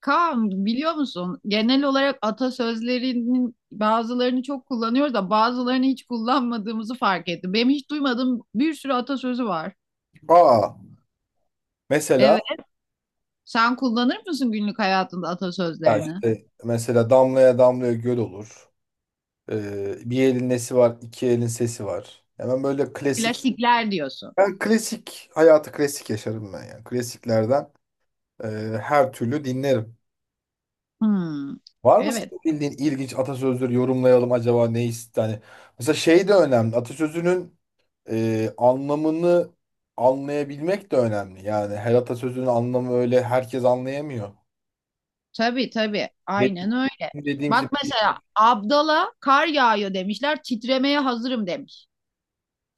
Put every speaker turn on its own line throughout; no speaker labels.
Kaan biliyor musun? Genel olarak atasözlerinin bazılarını çok kullanıyoruz da bazılarını hiç kullanmadığımızı fark ettim. Benim hiç duymadığım bir sürü atasözü var.
Aa, mesela
Evet. Sen kullanır mısın günlük hayatında
ya
atasözlerini?
işte mesela damlaya damlaya göl olur. Bir elin nesi var, iki elin sesi var. Hemen böyle klasik.
Klasikler diyorsun.
Ben klasik hayatı klasik yaşarım ben yani. Klasiklerden e, her türlü dinlerim.
Hmm.
Var mı
Evet.
senin bildiğin ilginç atasözleri, yorumlayalım acaba yani mesela şey de önemli. Atasözünün anlamını anlayabilmek de önemli. Yani her atasözünün anlamı öyle herkes anlayamıyor.
Tabii tabii.
Benim
Aynen öyle.
dediğim şey,
Bak mesela Abdal'a kar yağıyor demişler. Titremeye hazırım demiş.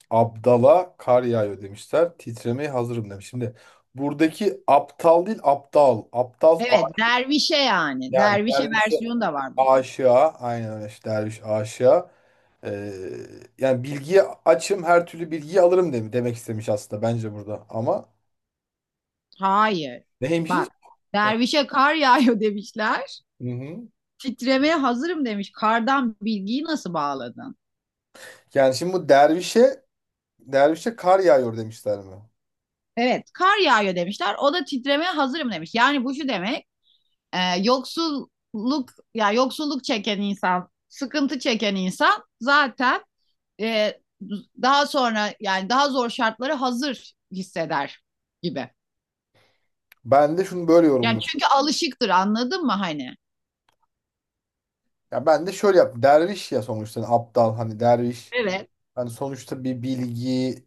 Abdala kar yağıyor demişler. Titremeye hazırım demiş. Şimdi buradaki aptal değil aptal.
Evet. Dervişe yani.
Yani
Dervişe
dervişe,
versiyonu da var bunun.
aşığa. Aynen öyle işte, derviş aşığa. Ee, Yani bilgiye açım, her türlü bilgiyi alırım demek istemiş aslında bence burada. Ama
Hayır.
neymiş?
Bak, dervişe kar yağıyor demişler.
Hı hı.
Titremeye hazırım demiş. Kardan bilgiyi nasıl bağladın?
Yani şimdi bu dervişe kar yağıyor demişler mi?
Evet, kar yağıyor demişler. O da titremeye hazırım demiş. Yani bu şu demek, yoksulluk ya yoksulluk çeken insan, sıkıntı çeken insan zaten e, daha sonra yani daha zor şartlara hazır hisseder gibi.
Ben de şunu böyle
Yani
yorumluyorum.
çünkü alışıktır, anladın mı hani?
Ya ben de şöyle yap. Derviş ya sonuçta, hani aptal hani derviş.
Evet.
Hani sonuçta bir bilgiyi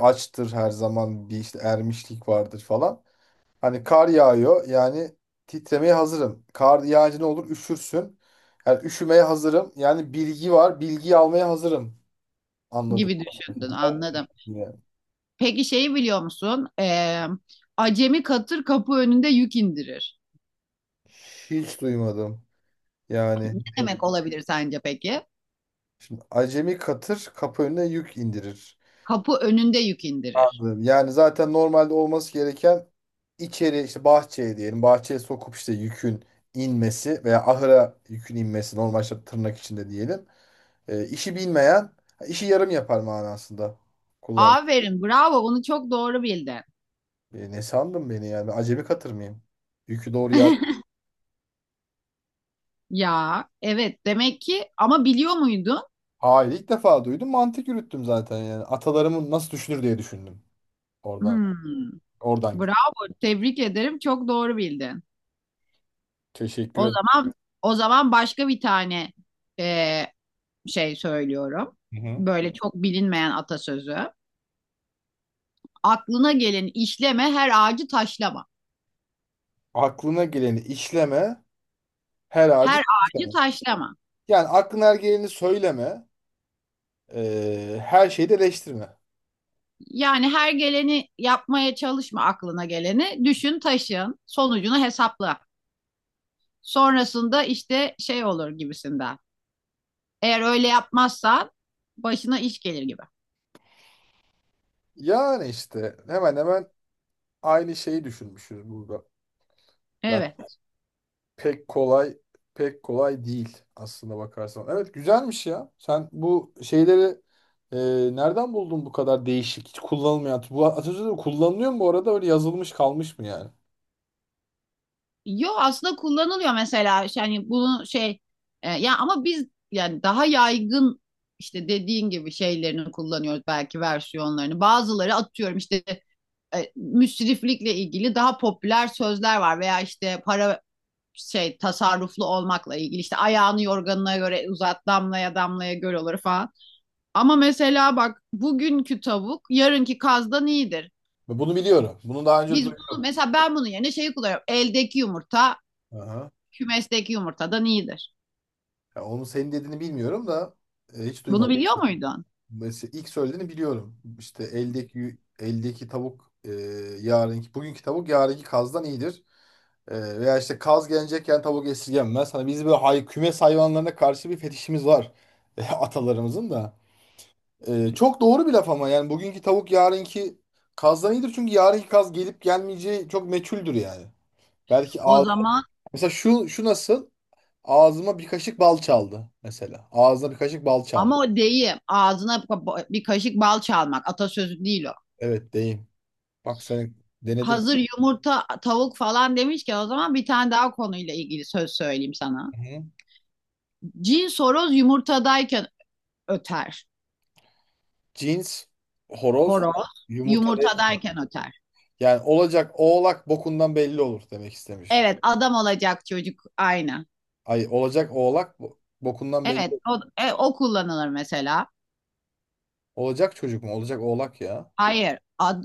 açtır, her zaman bir işte ermişlik vardır falan. Hani kar yağıyor, yani titremeye hazırım. Kar yağınca ne olur, üşürsün. Yani üşümeye hazırım. Yani bilgi var, bilgiyi almaya hazırım. Anladım.
Gibi düşündün, anladım.
Yani
Peki şeyi biliyor musun? Acemi katır kapı önünde yük indirir.
hiç duymadım. Yani
Ne demek olabilir sence peki?
şimdi acemi katır kapı önüne yük indirir.
Kapı önünde yük indirir.
Anladım. Yani zaten normalde olması gereken içeri, işte bahçeye diyelim, bahçeye sokup işte yükün inmesi veya ahıra yükün inmesi normal, işte tırnak içinde diyelim. İşi bilmeyen işi yarım yapar manasında kullan.
Aferin, bravo. Bunu çok doğru bildin.
Ne sandın beni yani, ben acemi katır mıyım? Yükü doğru yer.
Ya, evet. Demek ki ama biliyor muydun?
Hayır, ilk defa duydum, mantık yürüttüm zaten. Yani atalarımın nasıl düşünür diye düşündüm. Oradan,
Hmm,
git.
bravo. Tebrik ederim. Çok doğru bildin.
Teşekkür
O
ederim.
zaman o zaman başka bir tane ee, şey söylüyorum.
Hı hı.
Böyle çok bilinmeyen atasözü. Aklına gelin işleme her ağacı taşlama.
Aklına geleni işleme, her ağacı...
Her ağacı taşlama.
Yani aklına her geleni söyleme. Her şeyi de eleştirme.
Yani her geleni yapmaya çalışma aklına geleni. Düşün, taşın, sonucunu hesapla. Sonrasında işte şey olur gibisinden. Eğer öyle yapmazsan başına iş gelir gibi.
Yani işte hemen hemen aynı şeyi düşünmüşüz burada. Yani
Evet.
pek kolay pek kolay değil aslında bakarsan. Evet güzelmiş ya. Sen bu şeyleri nereden buldun bu kadar değişik? Hiç kullanılmayan. Bu atasözleri kullanılıyor mu bu arada? Öyle yazılmış kalmış mı yani?
Yo aslında kullanılıyor mesela yani bunu şey ya ama biz yani daha yaygın işte dediğin gibi şeylerini kullanıyoruz belki versiyonlarını. Bazıları atıyorum işte müsriflikle ilgili daha popüler sözler var veya işte para şey tasarruflu olmakla ilgili işte ayağını yorganına göre uzat damlaya damlaya göl olur falan. Ama mesela bak bugünkü tavuk yarınki kazdan iyidir.
Ben bunu biliyorum. Bunu daha önce
Biz bunu
duydum.
mesela ben bunun yerine şeyi kullanıyorum. Eldeki yumurta
Aha.
kümesteki yumurtadan iyidir.
Ya onu senin dediğini bilmiyorum da hiç
Bunu
duymadım.
biliyor muydun?
Mesela ilk söylediğini biliyorum. İşte eldeki tavuk, bugünkü tavuk yarınki kazdan iyidir. Veya işte kaz gelecekken tavuk esirgenmez. Hani biz böyle hay, kümes hayvanlarına karşı bir fetişimiz var. Atalarımızın da. Çok doğru bir laf ama yani bugünkü tavuk yarınki kazdan iyidir. Çünkü yarınki kaz gelip gelmeyeceği çok meçhuldür yani. Belki
O
ağz...
zaman
Mesela şu nasıl? Ağzıma bir kaşık bal çaldı mesela. Ağzına bir kaşık bal çalmış.
ama o deyim ağzına bir kaşık bal çalmak atasözü değil o.
Evet, deyim. Bak sen, denedim.
Hazır yumurta tavuk falan demişken o zaman bir tane daha konuyla ilgili söz söyleyeyim sana.
Hı.
Cin soroz yumurtadayken öter.
Cins, horoz,
Horoz
yumurta değil
yumurta
ki.
derken öter.
Yani olacak oğlak bokundan belli olur demek istemiş.
Evet adam olacak çocuk aynı.
Ay, olacak oğlak bokundan belli
Evet
olur.
o, o kullanılır mesela.
Olacak çocuk mu? Olacak oğlak ya.
Hayır ad-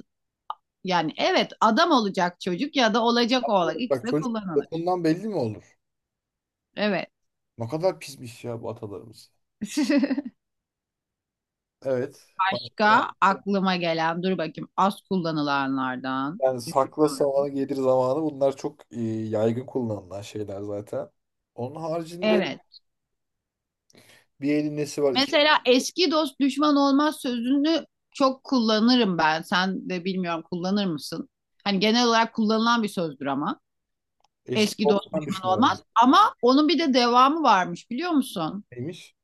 Yani evet adam olacak çocuk ya da olacak oğlak ikisi
Bak,
de
çocuk
kullanılır.
bokundan belli mi olur?
Evet.
Ne kadar pismiş ya bu atalarımız. Evet. Bak,
Başka aklıma gelen dur bakayım az kullanılanlardan
yani sakla
düşünüyorum.
savanı gelir zamanı, bunlar çok yaygın kullanılan şeyler zaten. Onun haricinde
Evet.
bir elin nesi var? İki,
Mesela eski dost düşman olmaz sözünü çok kullanırım ben. Sen de bilmiyorum kullanır mısın? Hani genel olarak kullanılan bir sözdür ama.
eski
Eski dost
Osman
düşman
düşmanı
olmaz. Ama onun bir de devamı varmış biliyor musun?
neymiş?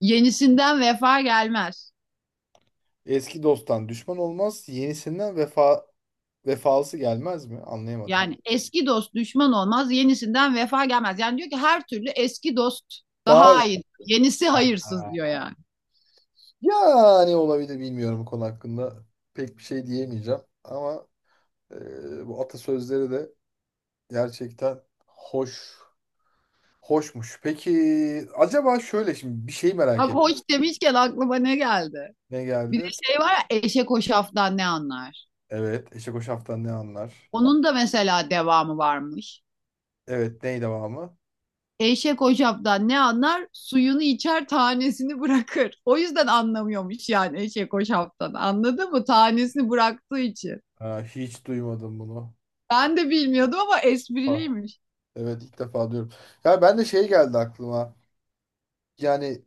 Yenisinden vefa gelmez.
Eski dosttan düşman olmaz, yenisinden vefalısı gelmez mi? Anlayamadım.
Yani eski dost düşman olmaz, yenisinden vefa gelmez. Yani diyor ki her türlü eski dost
Daha iyi.
daha iyi. Yenisi hayırsız diyor yani.
Yani olabilir, bilmiyorum bu konu hakkında. Pek bir şey diyemeyeceğim ama bu atasözleri de gerçekten hoş hoşmuş. Peki acaba şöyle, şimdi bir şey merak
Bak
ettim.
hoş demişken aklıma ne geldi?
Ne
Bir de
geldi?
şey var ya eşek hoşaftan ne anlar?
Evet, eşek o şaftan ne anlar?
Onun da mesela devamı varmış.
Evet, ney devamı?
Eşek hoşaftan ne anlar? Suyunu içer, tanesini bırakır. O yüzden anlamıyormuş yani eşek hoşaftan. Anladın mı? Tanesini bıraktığı için.
Ha, hiç duymadım bunu.
Ben de bilmiyordum ama
Ah.
espriliymiş.
Evet, ilk defa diyorum. Ya ben de şey geldi aklıma. Yani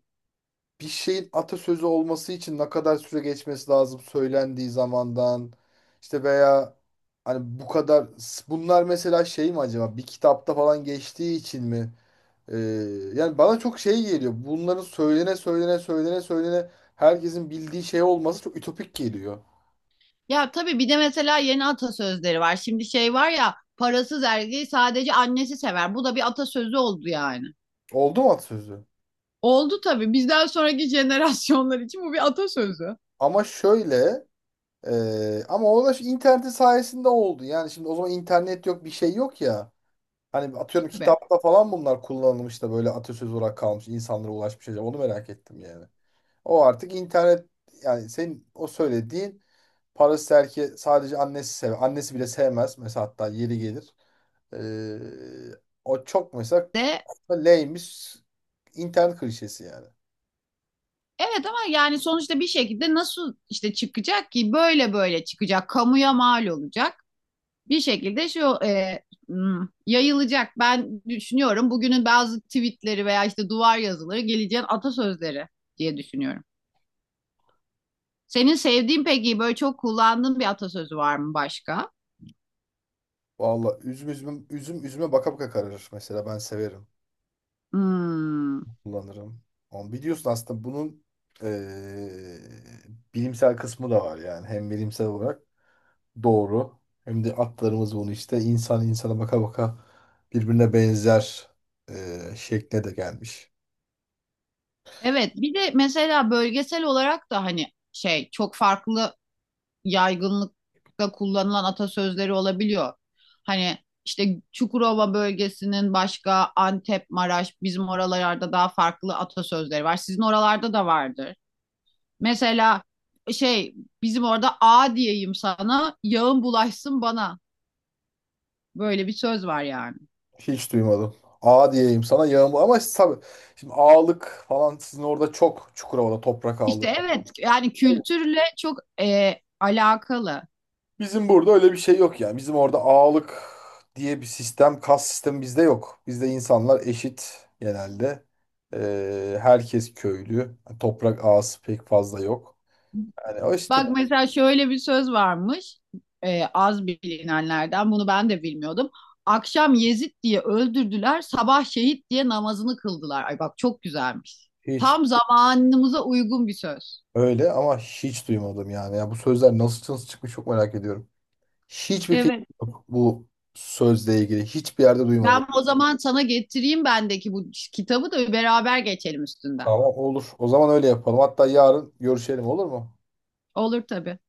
bir şeyin atasözü olması için ne kadar süre geçmesi lazım söylendiği zamandan, işte veya hani bu kadar, bunlar mesela şey mi acaba, bir kitapta falan geçtiği için mi? Ee, Yani bana çok şey geliyor. Bunların söylene söylene herkesin bildiği şey olması çok ütopik geliyor.
Ya tabii bir de mesela yeni atasözleri var. Şimdi şey var ya, parasız erkeği sadece annesi sever. Bu da bir atasözü oldu yani.
Oldu mu atasözü?
Oldu tabii. Bizden sonraki jenerasyonlar için bu bir atasözü.
Ama şöyle ama o da şu internet sayesinde oldu. Yani şimdi o zaman internet yok, bir şey yok ya. Hani atıyorum
Tabii.
kitapta falan bunlar kullanılmış da böyle atasözü olarak kalmış, insanlara ulaşmış, acaba onu merak ettim yani. O artık internet, yani senin o söylediğin, parası erkeği sadece annesi sever. Annesi bile sevmez mesela, hatta yeri gelir. Ee, O çok mesela
De
leymiş internet klişesi yani.
Evet ama yani sonuçta bir şekilde nasıl işte çıkacak ki böyle çıkacak kamuya mal olacak. Bir şekilde şu hmm, yayılacak. Ben düşünüyorum bugünün bazı tweetleri veya işte duvar yazıları geleceğin atasözleri diye düşünüyorum. Senin sevdiğin peki böyle çok kullandığın bir atasözü var mı başka?
Valla üzüme baka baka kararır mesela, ben severim,
Hmm.
kullanırım. Ama biliyorsun aslında bunun ee, bilimsel kısmı da var. Yani hem bilimsel olarak doğru. Hem de atlarımız bunu işte insan insana baka baka birbirine benzer şekle de gelmiş.
Evet, bir de mesela bölgesel olarak da hani şey çok farklı yaygınlıkta kullanılan atasözleri olabiliyor. Hani işte Çukurova bölgesinin başka Antep, Maraş, bizim oralarda daha farklı atasözleri var. Sizin oralarda da vardır. Mesela şey bizim orada A diyeyim sana, yağın bulaşsın bana. Böyle bir söz var yani.
Hiç duymadım. A diyeyim sana yağmur, ama işte tabii şimdi ağalık falan sizin orada çok, Çukurova'da toprak ağalığı
İşte
falan.
evet yani kültürle çok alakalı.
Bizim burada öyle bir şey yok yani. Bizim orada ağalık diye bir sistem, kas sistemi bizde yok. Bizde insanlar eşit genelde. Herkes köylü. Toprak ağası pek fazla yok. Yani o işte
Bak mesela şöyle bir söz varmış az bilinenlerden bunu ben de bilmiyordum. Akşam Yezid diye öldürdüler, sabah şehit diye namazını kıldılar. Ay bak çok güzelmiş.
hiç...
Tam zamanımıza uygun bir söz.
Öyle ama hiç duymadım yani. Ya bu sözler nasıl çıkmış çok merak ediyorum. Hiçbir fikrim
Evet.
yok bu sözle ilgili. Hiçbir yerde duymadım.
Ben o zaman sana getireyim bendeki bu kitabı da beraber geçelim üstünden.
Tamam, olur. O zaman öyle yapalım. Hatta yarın görüşelim, olur mu?
Olur tabii.